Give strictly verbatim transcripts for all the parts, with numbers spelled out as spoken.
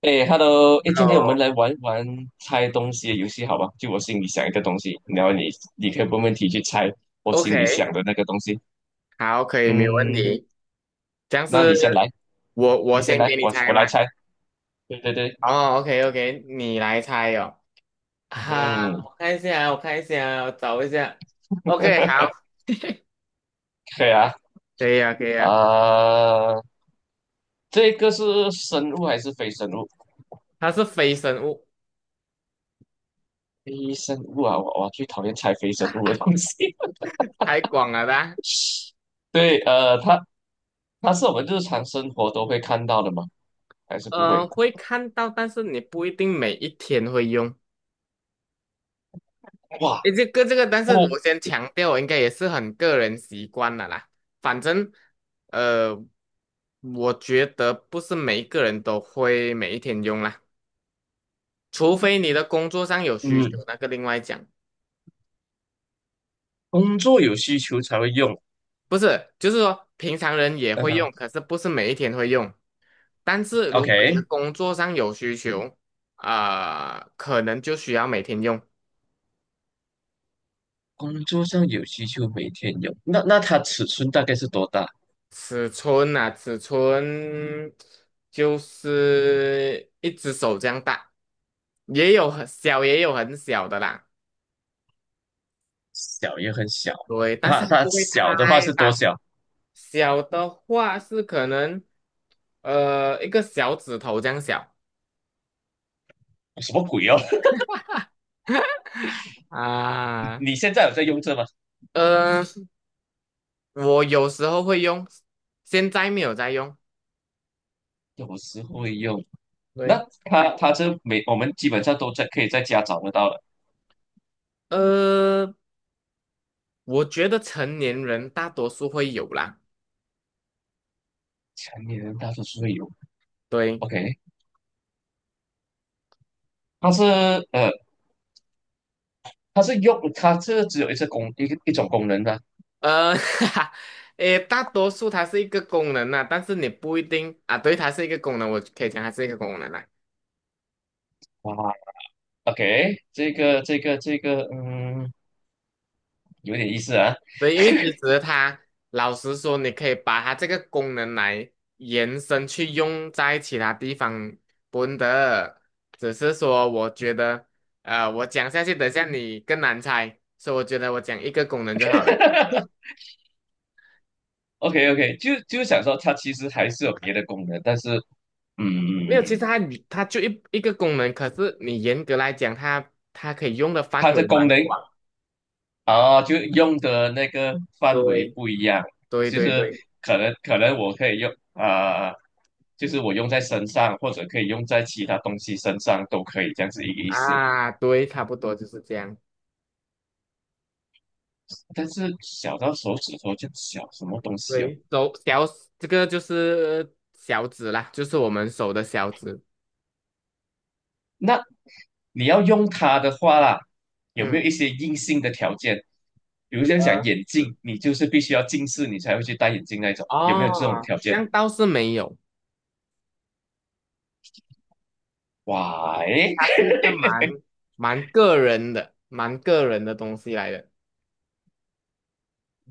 哎，Hello，哎，今天我哦们来玩玩猜东西的游戏，好吧？就我心里想一个东西，然后你你可以问问题去猜我心里，OK，想的那个东西。好，可以，没有问嗯，题。这样那你是先来，我我你先先来，给你我猜我吗？来猜。对对对，哦，OK OK，你来猜哦。嗯，啊，我看一下，我看一下，我找一下。OK，好，可以啊。可以啊，可以啊。啊、这个是生物还是非生物？它是非生物，非生物啊，我我最讨厌猜非生物的东西。太广了啦。对，呃，它它是我们日常生活都会看到的吗？还是不会？呃，会看到，但是你不一定每一天会用。哇，诶，这个这个，但是不，我先强调，应该也是很个人习惯了啦。反正，呃，我觉得不是每一个人都会每一天用啦。除非你的工作上有需求，嗯，那个另外讲。工作有需求才会用。不是，就是说平常人也会嗯。用，可是不是每一天会用。但是如果你的 OK，工作上有需求，啊、可能就需要每天用。工作上有需求，每天有。那那它尺寸大概是多大？尺寸啊，尺寸就是一只手这样大，也有很小，也有很小的啦。小也很小。对，但它是它它不会小的话太是多大。小？小的话是可能，呃，一个小指头这样小。什么鬼哦？啊，你现在有在用这吗？呃，我有时候会用，现在没有在用。有时会用。那对，它它这每我们基本上都在可以在家找得到了，呃，我觉得成年人大多数会有啦。成年人大多数会有。对，OK，它是呃它是用它这只有一次功一个一种功能的。呃，哈哈，诶，大多数它是一个功能啦，但是你不一定啊。对，它是一个功能，我可以讲它是一个功能啦。哇，OK，这个这个这个嗯有点意思啊。对，因为其实它老实说，你可以把它这个功能来延伸去用在其他地方，不的。只是说，我觉得，呃，我讲下去，等下你更难猜，所以我觉得我讲一个功能就好了。OK OK，就就想说它其实还是有别的功能，但是嗯，没有，其实它它就一一个功能，可是你严格来讲，它它可以用的范它的围功蛮能广。啊，就用的那个范围对，不一样，对就对是对，可能可能我可以用啊、就是我用在身上，或者可以用在其他东西身上都可以，这样子一个意思。啊，对，差不多就是这样。但是小到手指头就小，什么东西哦？对，手小，这个就是小指啦，就是我们手的小指。那你要用它的话啦，有嗯。没有一些硬性的条件？比如像讲呃眼镜，嗯你就是必须要近视，你才会去戴眼镜那种，有没有这种哦，条这件？样倒是没有，w h 它 y 是一个蛮蛮个人的、蛮个人的东西来的，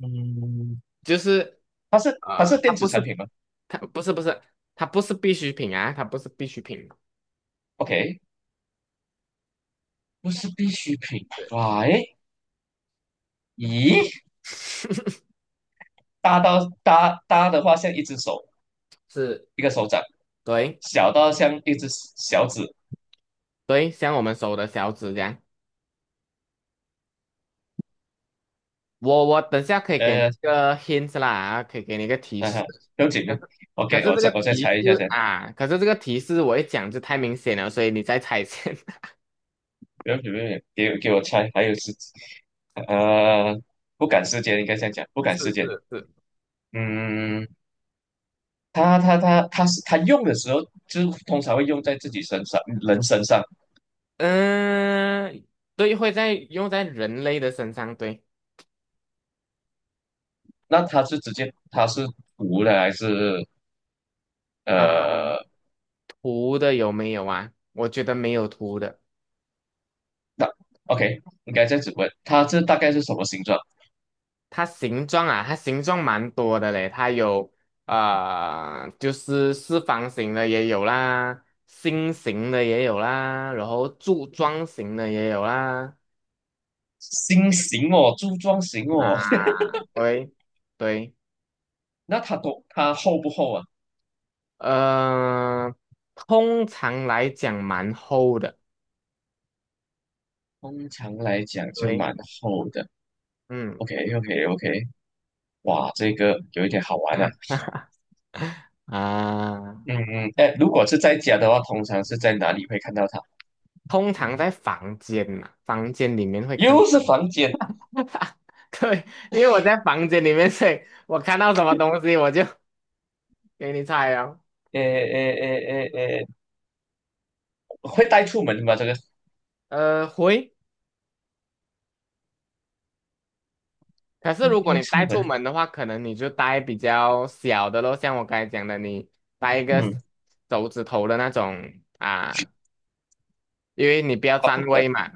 嗯，就是。它是它是呃，它电子不产是品吗它不是不是它不是必需品啊，它不是必需品，？OK，不是必需品。对，Why？咦，大到大大的话像一只手，是，一个手掌，对小到像一只小指，对，像我们手的小指这样，我我等下可以给你一呃，个 hint 啦，啊可以给你一个提嗯、示，啊，不用紧可的。是可是 OK，我这再个我再提猜示一下先。啊，可是这个提示我一讲就太明显了，所以你在猜先，是不要不便给给我猜，还有是，呃，不赶时间，应该这样讲，不赶是时间。是。嗯，他他他他是他用的时候，就通常会用在自己身上，人身上。嗯，对，会在用在人类的身上，对。那他是直接他是涂的还是啊，呃？图的有没有啊？我觉得没有图的。那 OK，应该这样子问，他这大概是什么形状？它形状啊，它形状蛮多的嘞，它有啊，就是四方形的也有啦，心形的也有啦，然后柱状形的也有啦，心形哦，柱状形哦。啊，喂，对，那它多它厚不厚啊？呃，通常来讲蛮厚的，通常来讲就对，蛮厚的。嗯 OK OK OK，哇，这个有一点好玩啊。啊。嗯嗯，哎，如果是在家的话，通常是在哪里会看到它？通常在房间嘛，房间里面会看又是到。房间，对，因为我在房间里面，所以我看到什么东西我就给你猜哦。哎哎哎哎哎，会带出门吗？这个呃，会。可是会如果带你出带门？出门的话，可能你就带比较小的咯，像我刚才讲的，你带一个嗯，手指头的那种啊，因为你不要啊，不占可位嘛。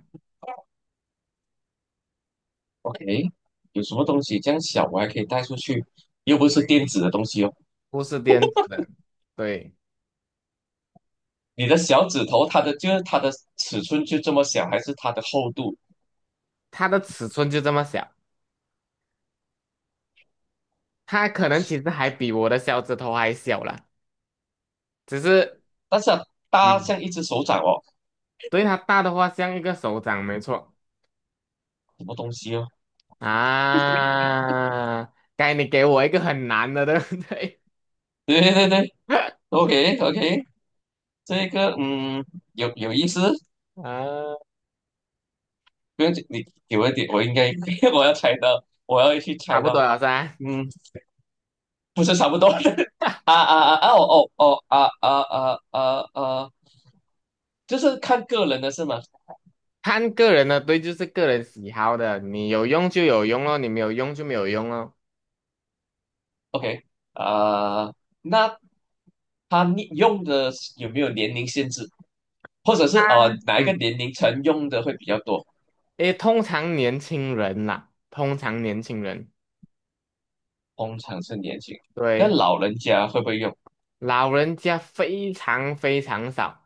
，OK，有什么东西这样小我还可以带出去？又不是对，电子的东西哦。不是电子的，对，你的小指头，它的就是它的尺寸就这么小，还是它的厚度？它的尺寸就这么小，它可能其实还比我的小指头还小了，只是。但是啊大嗯。像一只手掌哦，对，它大的话像一个手掌，没错什么东西哦？啊。该你给我一个很难的，对不对？对对对，OK OK，这个嗯，有有意思，啊，不用紧，你给我一点，我应该 我要猜到，我要去差猜不多到，了噻。嗯，不是差不多的 啊啊啊啊哦哦哦啊啊啊啊啊，就是看个人的是吗看个人的，对，就是个人喜好的，你有用就有用咯，你没有用就没有用咯。？OK 啊、那他你用的有没有年龄限制，或者是啊，呃哪一个嗯，年龄层用的会比较多？诶，通常年轻人啦，通常年轻人，通常是年轻，但对，老人家会不会用？老人家非常非常少，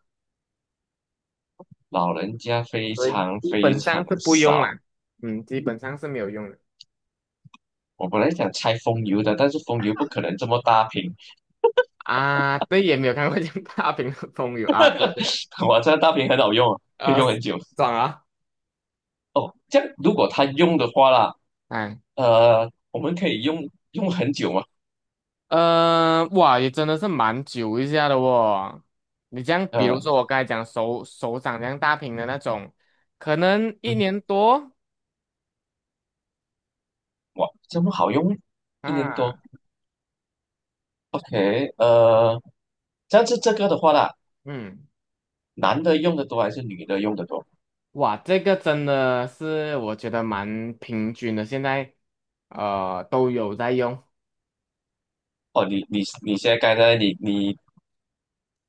老人家非对，常基非本常上是不用少。啦，嗯，基本上是没有用的。我本来想拆风油的，但是风油不可能这么大瓶。啊，对，也没有看过 像大屏的风友啊，对对，这站大屏很好用啊，可以呃，用很久。爽啊，哦，这样如果他用的话啦，哎，呃，我们可以用用很久嘛？呃，哇，也真的是蛮久一下的哦。你这样，比如呃，说我刚才讲手手掌这样大屏的那种，可能一嗯，年多哇，这么好用，一年多。啊，OK，呃，这样子这个的话啦，嗯，男的用的多还是女的用的多？哇，这个真的是我觉得蛮平均的，现在呃都有在用哦，你你你现在刚才你你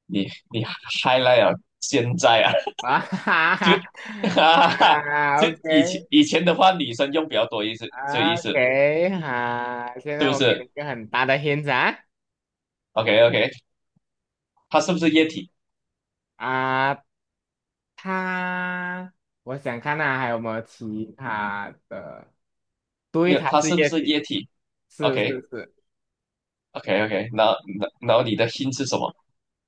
你你 highlight 啊，现在啊，啊，哈哈 就 哈 哈哈哈，啊就以前，OK。以前的话，女生用比较多意思，这意思 OK，好，现是在不我给是你一个很大的 hint 啊。？OK OK，它是不是液体？啊，它，我想看啊，还有没有其他的？没对，有，它它是是不液是体，液体是是？OK 是 OK OK，然后然后你的心是什么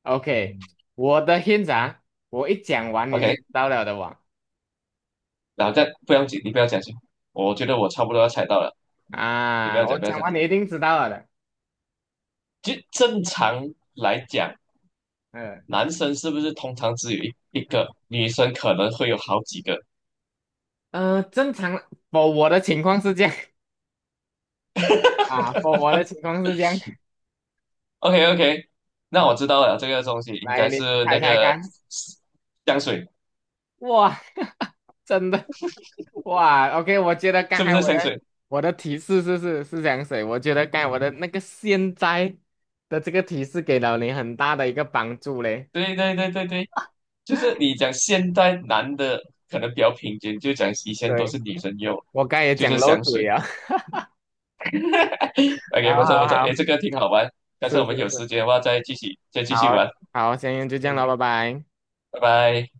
，OK，嗯，我的 hint 啊，我一讲完你就知？OK，道了的哇。然后再不要紧，你不要讲先，我觉得我差不多要猜到了，你不要啊，我讲不要讲讲，完你一定知道了的。就正常来讲，嗯男生是不是通常只有一一个，女生可能会有好几个呃，正常 f 我的情况是这样 啊 f 我的情况是这样？OK OK，那我啊。知道了，这个东西应来，该你是猜那猜个看。香水，哇，真的。哇，OK，我觉得刚是不才是我的香水？我的提示是是是这样子，我觉得刚才我的那个现在的这个提示给了你很大的一个帮助嘞。对对对对对，就是 你讲现在男的可能比较平均，就讲以前都是对，女生用，我刚才也就讲是漏香嘴水。啊。好 OK，不错好不错，诶，好，这个挺好玩，但是是我们是有是，时间的话再继续再继续好玩。好，先就这样了，嗯，拜拜。拜拜。